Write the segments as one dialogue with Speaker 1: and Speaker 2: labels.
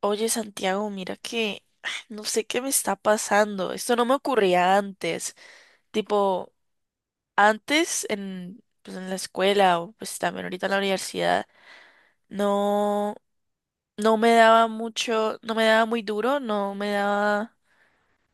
Speaker 1: Oye, Santiago, mira que no sé qué me está pasando. Esto no me ocurría antes. Tipo, antes en, pues, en la escuela o pues también ahorita en la universidad, no, no me daba mucho, no me daba muy duro, no me daba,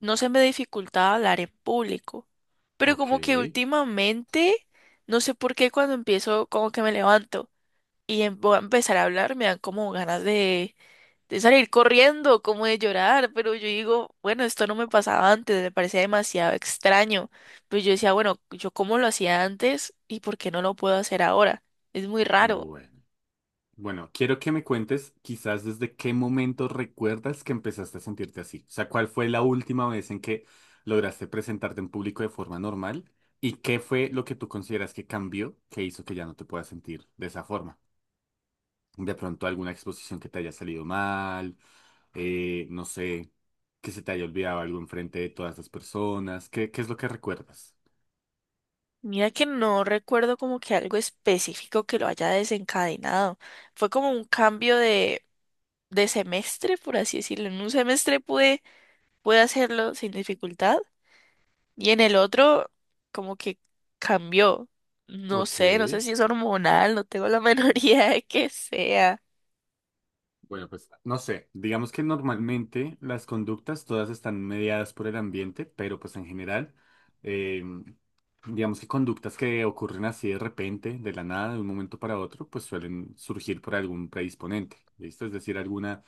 Speaker 1: no se me dificultaba hablar en público. Pero
Speaker 2: Ok,
Speaker 1: como que últimamente, no sé por qué cuando empiezo, como que me levanto y voy a empezar a hablar, me dan como ganas de salir corriendo, como de llorar, pero yo digo, bueno, esto no me pasaba antes, me parecía demasiado extraño. Pero yo decía, bueno, yo cómo lo hacía antes y por qué no lo puedo hacer ahora. Es muy raro.
Speaker 2: bueno. Bueno, quiero que me cuentes quizás desde qué momento recuerdas que empezaste a sentirte así. O sea, ¿cuál fue la última vez en que lograste presentarte en público de forma normal? ¿Y qué fue lo que tú consideras que cambió que hizo que ya no te puedas sentir de esa forma? De pronto alguna exposición que te haya salido mal, no sé, que se te haya olvidado algo enfrente de todas las personas. ¿Qué es lo que recuerdas?
Speaker 1: Mira que no recuerdo como que algo específico que lo haya desencadenado. Fue como un cambio de semestre, por así decirlo. En un semestre pude, pude hacerlo sin dificultad. Y en el otro, como que cambió. No
Speaker 2: Ok.
Speaker 1: sé, no sé si es hormonal, no tengo la menor idea de que sea.
Speaker 2: Bueno, pues no sé, digamos que normalmente las conductas todas están mediadas por el ambiente, pero pues en general, eh, digamos que conductas que ocurren así de repente, de la nada, de un momento para otro, pues suelen surgir por algún predisponente, ¿listo? Es decir,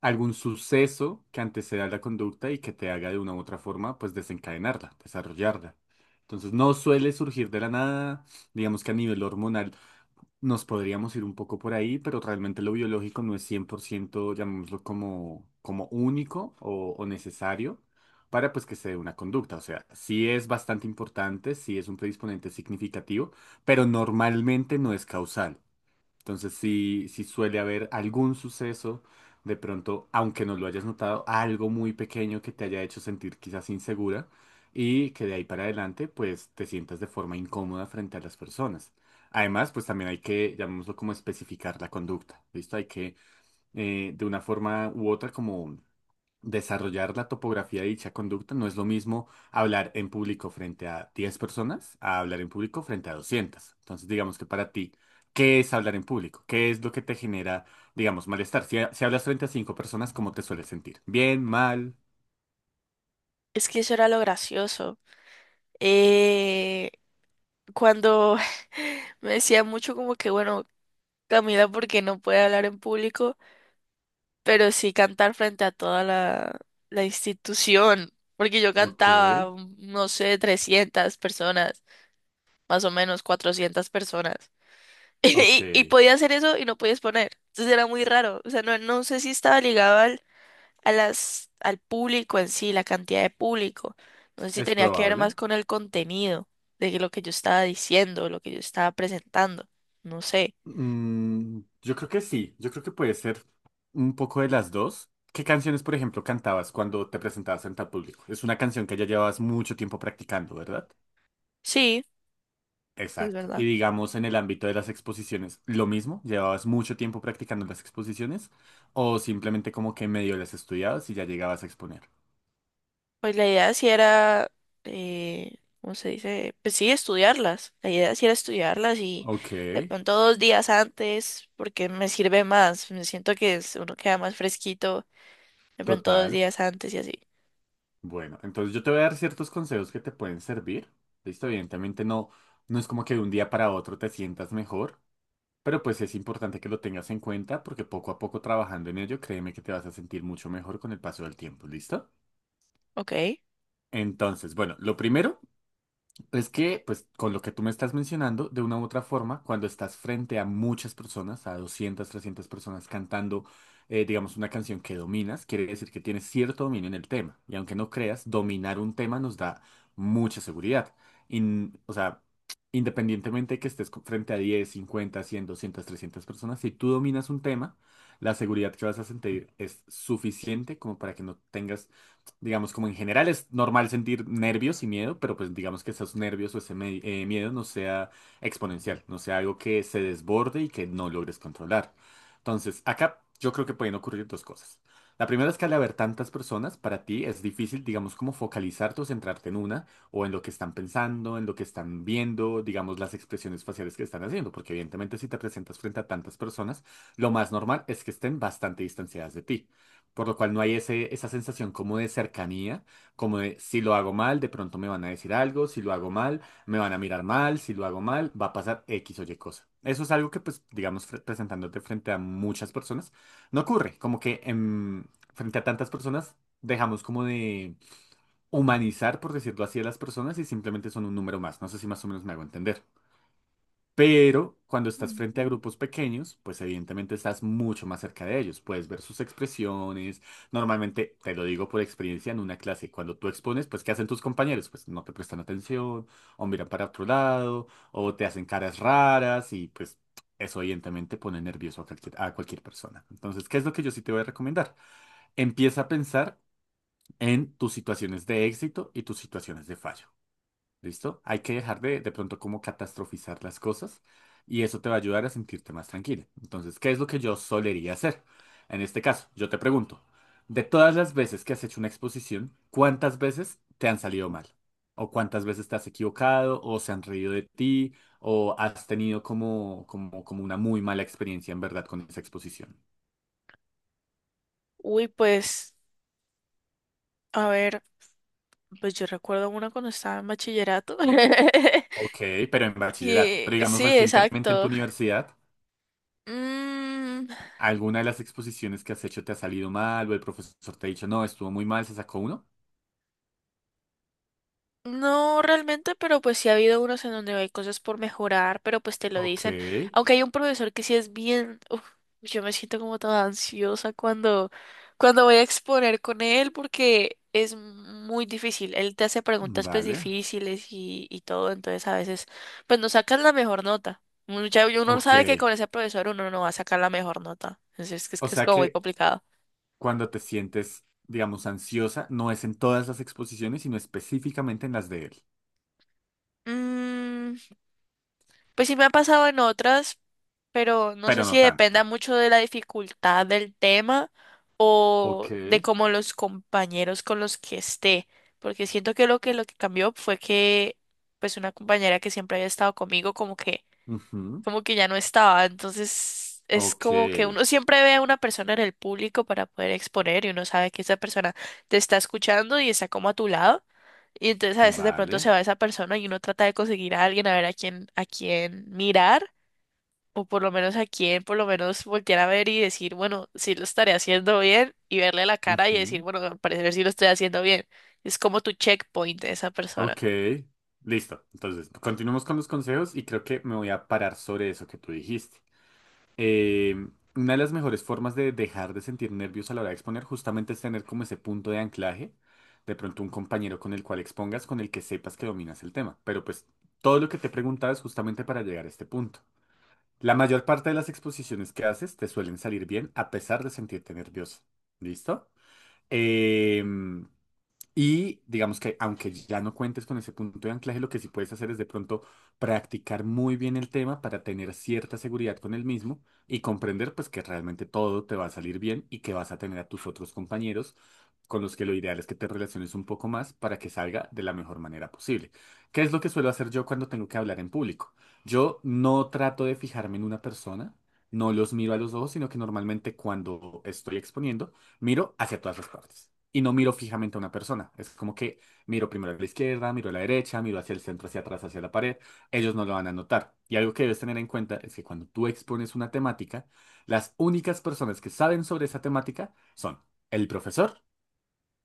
Speaker 2: algún suceso que anteceda a la conducta y que te haga de una u otra forma, pues desencadenarla, desarrollarla. Entonces no suele surgir de la nada, digamos que a nivel hormonal. Nos podríamos ir un poco por ahí, pero realmente lo biológico no es 100% llamémoslo como, único o necesario para pues que se dé una conducta. O sea, sí es bastante importante, sí es un predisponente significativo, pero normalmente no es causal. Entonces sí suele haber algún suceso, de pronto, aunque no lo hayas notado, algo muy pequeño que te haya hecho sentir quizás insegura y que de ahí para adelante pues te sientas de forma incómoda frente a las personas. Además, pues también hay que, llamémoslo como especificar la conducta, ¿listo? Hay que de una forma u otra como desarrollar la topografía de dicha conducta. No es lo mismo hablar en público frente a 10 personas a hablar en público frente a 200. Entonces, digamos que para ti, ¿qué es hablar en público? ¿Qué es lo que te genera, digamos, malestar? Si hablas frente a 5 personas, ¿cómo te sueles sentir? ¿Bien? ¿Mal?
Speaker 1: Es que eso era lo gracioso. Eh, Cuando me decía mucho como que, bueno, Camila, porque no puede hablar en público, pero sí cantar frente a toda la, la institución. Porque yo
Speaker 2: Ok,
Speaker 1: cantaba, no sé, 300 personas, más o menos 400 personas.
Speaker 2: ok.
Speaker 1: Y, y podía hacer eso y no podías poner. Entonces era muy raro. O sea, no, no sé si estaba ligado al, a las, al público en sí, la cantidad de público. No sé si
Speaker 2: Es
Speaker 1: tenía que ver
Speaker 2: probable.
Speaker 1: más con el contenido de que lo que yo estaba diciendo, lo que yo estaba presentando. No sé.
Speaker 2: Yo creo que sí. Yo creo que puede ser un poco de las dos. ¿Qué canciones, por ejemplo, cantabas cuando te presentabas frente al público? Es una canción que ya llevabas mucho tiempo practicando, ¿verdad?
Speaker 1: Sí, es
Speaker 2: Exacto. Y
Speaker 1: verdad.
Speaker 2: digamos en el ámbito de las exposiciones, lo mismo, llevabas mucho tiempo practicando las exposiciones o simplemente como que medio las estudiabas y ya llegabas a exponer.
Speaker 1: Pues la idea sí era, ¿cómo se dice? Pues sí, estudiarlas. La idea sí era estudiarlas y
Speaker 2: Ok,
Speaker 1: de pronto 2 días antes, porque me sirve más. Me siento que uno queda más fresquito. De pronto dos
Speaker 2: total.
Speaker 1: días antes y así.
Speaker 2: Bueno, entonces yo te voy a dar ciertos consejos que te pueden servir. Listo, evidentemente no es como que de un día para otro te sientas mejor, pero pues es importante que lo tengas en cuenta porque poco a poco trabajando en ello, créeme que te vas a sentir mucho mejor con el paso del tiempo. ¿Listo?
Speaker 1: Ok.
Speaker 2: Entonces, bueno, lo primero es que, pues, con lo que tú me estás mencionando, de una u otra forma, cuando estás frente a muchas personas, a 200 300 personas cantando, digamos, una canción que dominas, quiere decir que tienes cierto dominio en el tema. Y aunque no creas, dominar un tema nos da mucha seguridad. O sea, independientemente de que estés frente a 10 50 100 200 300 personas, si tú dominas un tema, la seguridad que vas a sentir es suficiente como para que no tengas. Digamos, como en general es normal sentir nervios y miedo, pero pues digamos que esos nervios o ese miedo no sea exponencial, no sea algo que se desborde y que no logres controlar. Entonces, acá yo creo que pueden ocurrir dos cosas. La primera es que al haber tantas personas, para ti es difícil, digamos, como focalizarte o centrarte en una, o en lo que están pensando, en lo que están viendo, digamos, las expresiones faciales que están haciendo, porque evidentemente si te presentas frente a tantas personas, lo más normal es que estén bastante distanciadas de ti, por lo cual no hay esa sensación como de cercanía, como de si lo hago mal, de pronto me van a decir algo, si lo hago mal, me van a mirar mal, si lo hago mal, va a pasar X o Y cosa. Eso es algo que, pues, digamos, presentándote frente a muchas personas, no ocurre, como que frente a tantas personas dejamos como de humanizar, por decirlo así, a las personas y simplemente son un número más. No sé si más o menos me hago entender. Pero cuando estás frente a grupos pequeños, pues evidentemente estás mucho más cerca de ellos. Puedes ver sus expresiones. Normalmente, te lo digo por experiencia, en una clase, cuando tú expones, pues ¿qué hacen tus compañeros? Pues no te prestan atención, o miran para otro lado, o te hacen caras raras, y pues eso evidentemente pone nervioso a cualquier persona. Entonces, ¿qué es lo que yo sí te voy a recomendar? Empieza a pensar en tus situaciones de éxito y tus situaciones de fallo. ¿Listo? Hay que dejar de pronto como catastrofizar las cosas, y eso te va a ayudar a sentirte más tranquila. Entonces, ¿qué es lo que yo solería hacer? En este caso, yo te pregunto, de todas las veces que has hecho una exposición, ¿cuántas veces te han salido mal? ¿O cuántas veces te has equivocado? ¿O se han reído de ti? ¿O has tenido como una muy mala experiencia en verdad con esa exposición?
Speaker 1: Uy, pues, a ver, pues yo recuerdo una cuando estaba en bachillerato.
Speaker 2: Ok, pero en bachillerato. Pero
Speaker 1: Que,
Speaker 2: digamos
Speaker 1: sí,
Speaker 2: recientemente en tu
Speaker 1: exacto.
Speaker 2: universidad.
Speaker 1: Mm.
Speaker 2: ¿Alguna de las exposiciones que has hecho te ha salido mal, o el profesor te ha dicho, no, estuvo muy mal, se sacó uno?
Speaker 1: No realmente, pero pues sí ha habido unos en donde hay cosas por mejorar, pero pues te lo
Speaker 2: Ok,
Speaker 1: dicen. Aunque hay un profesor que sí es bien, uf, yo me siento como toda ansiosa cuando, cuando voy a exponer con él porque es muy difícil. Él te hace preguntas pues
Speaker 2: vale,
Speaker 1: difíciles y todo, entonces a veces pues no sacas la mejor nota. Mucha- uno
Speaker 2: ok.
Speaker 1: sabe que con ese profesor uno no va a sacar la mejor nota. Entonces es que es,
Speaker 2: O
Speaker 1: que es
Speaker 2: sea
Speaker 1: como muy
Speaker 2: que
Speaker 1: complicado.
Speaker 2: cuando te sientes, digamos, ansiosa, no es en todas las exposiciones, sino específicamente en las de él,
Speaker 1: Mm. Pues sí me ha pasado en otras, pero no sé
Speaker 2: pero
Speaker 1: si
Speaker 2: no
Speaker 1: dependa
Speaker 2: tanto.
Speaker 1: mucho de la dificultad del tema o
Speaker 2: Ok,
Speaker 1: de cómo los compañeros con los que esté, porque siento que lo que cambió fue que pues una compañera que siempre había estado conmigo como que
Speaker 2: ujú,
Speaker 1: ya no estaba. Entonces es
Speaker 2: ok,
Speaker 1: como que uno siempre ve a una persona en el público para poder exponer y uno sabe que esa persona te está escuchando y está como a tu lado. Y entonces a veces de pronto
Speaker 2: vale,
Speaker 1: se va esa persona y uno trata de conseguir a alguien a ver a quién mirar o por lo menos a quién por lo menos voltear a ver y decir, bueno, si lo estaré haciendo bien y verle la cara y decir,
Speaker 2: ujú,
Speaker 1: bueno, al parecer sí lo estoy haciendo bien. Es como tu checkpoint de esa
Speaker 2: ok.
Speaker 1: persona.
Speaker 2: Listo, entonces continuemos con los consejos y creo que me voy a parar sobre eso que tú dijiste. eh, una de las mejores formas de dejar de sentir nervios a la hora de exponer justamente es tener como ese punto de anclaje, de pronto un compañero con el cual expongas, con el que sepas que dominas el tema. Pero pues todo lo que te he preguntado es justamente para llegar a este punto. La mayor parte de las exposiciones que haces te suelen salir bien a pesar de sentirte nervioso. ¿Listo? Em, y digamos que aunque ya no cuentes con ese punto de anclaje, lo que sí puedes hacer es de pronto practicar muy bien el tema para tener cierta seguridad con el mismo y comprender pues que realmente todo te va a salir bien y que vas a tener a tus otros compañeros con los que lo ideal es que te relaciones un poco más para que salga de la mejor manera posible. ¿Qué es lo que suelo hacer yo cuando tengo que hablar en público? Yo no trato de fijarme en una persona, no los miro a los ojos, sino que normalmente cuando estoy exponiendo miro hacia todas las partes y no miro fijamente a una persona. Es como que miro primero a la izquierda, miro a la derecha, miro hacia el centro, hacia atrás, hacia la pared. Ellos no lo van a notar. Y algo que debes tener en cuenta es que cuando tú expones una temática, las únicas personas que saben sobre esa temática son el profesor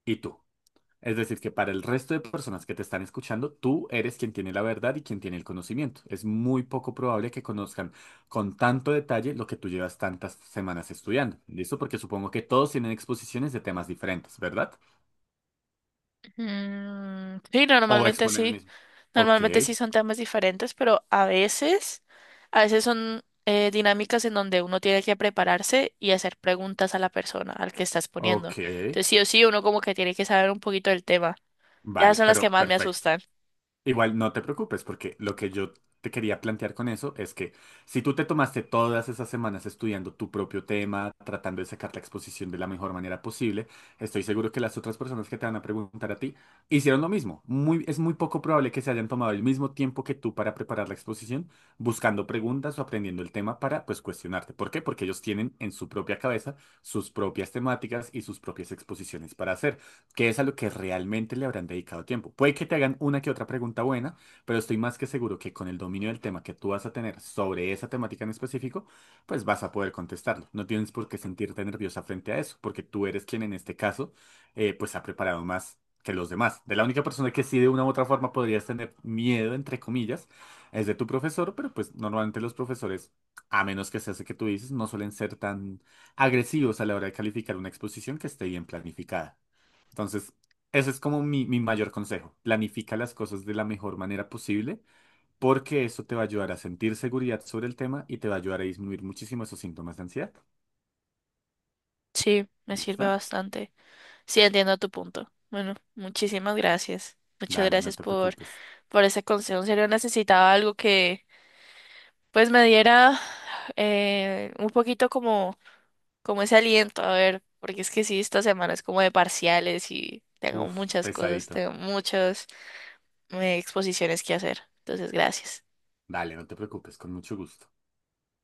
Speaker 2: y tú. Es decir, que para el resto de personas que te están escuchando, tú eres quien tiene la verdad y quien tiene el conocimiento. Es muy poco probable que conozcan con tanto detalle lo que tú llevas tantas semanas estudiando. ¿Listo? Porque supongo que todos tienen exposiciones de temas diferentes, ¿verdad?
Speaker 1: Mm. Sí,
Speaker 2: O
Speaker 1: normalmente
Speaker 2: exponen el
Speaker 1: sí.
Speaker 2: mismo. Ok,
Speaker 1: Normalmente sí son temas diferentes, pero a veces son dinámicas en donde uno tiene que prepararse y hacer preguntas a la persona al que estás poniendo.
Speaker 2: ok.
Speaker 1: Entonces sí o sí, uno como que tiene que saber un poquito del tema. Ya
Speaker 2: Vale,
Speaker 1: son las que
Speaker 2: pero
Speaker 1: más me
Speaker 2: perfecto.
Speaker 1: asustan.
Speaker 2: Igual no te preocupes, porque lo que yo te quería plantear con eso es que si tú te tomaste todas esas semanas estudiando tu propio tema, tratando de sacar la exposición de la mejor manera posible, estoy seguro que las otras personas que te van a preguntar a ti hicieron lo mismo. Es muy poco probable que se hayan tomado el mismo tiempo que tú para preparar la exposición, buscando preguntas o aprendiendo el tema para, pues, cuestionarte. ¿Por qué? Porque ellos tienen en su propia cabeza sus propias temáticas y sus propias exposiciones para hacer, que es a lo que realmente le habrán dedicado tiempo. Puede que te hagan una que otra pregunta buena, pero estoy más que seguro que con el dominio del tema que tú vas a tener sobre esa temática en específico, pues vas a poder contestarlo. No tienes por qué sentirte nerviosa frente a eso, porque tú eres quien en este caso, pues, ha preparado más que los demás. De la única persona que sí de una u otra forma podrías tener miedo, entre comillas, es de tu profesor, pero pues normalmente los profesores, a menos que sea ese que tú dices, no suelen ser tan agresivos a la hora de calificar una exposición que esté bien planificada. Entonces, ese es como mi mayor consejo. Planifica las cosas de la mejor manera posible porque eso te va a ayudar a sentir seguridad sobre el tema y te va a ayudar a disminuir muchísimo esos síntomas de ansiedad.
Speaker 1: Sí, me sirve
Speaker 2: ¿Listo?
Speaker 1: bastante. Sí, entiendo tu punto. Bueno, muchísimas gracias. Muchas
Speaker 2: Dale, no
Speaker 1: gracias
Speaker 2: te preocupes.
Speaker 1: por ese consejo. En serio, necesitaba algo que pues me diera un poquito como como ese aliento, a ver, porque es que sí, esta semana es como de parciales y tengo
Speaker 2: Uf,
Speaker 1: muchas cosas,
Speaker 2: pesadito.
Speaker 1: tengo muchas exposiciones que hacer. Entonces, gracias.
Speaker 2: Dale, no te preocupes, con mucho gusto.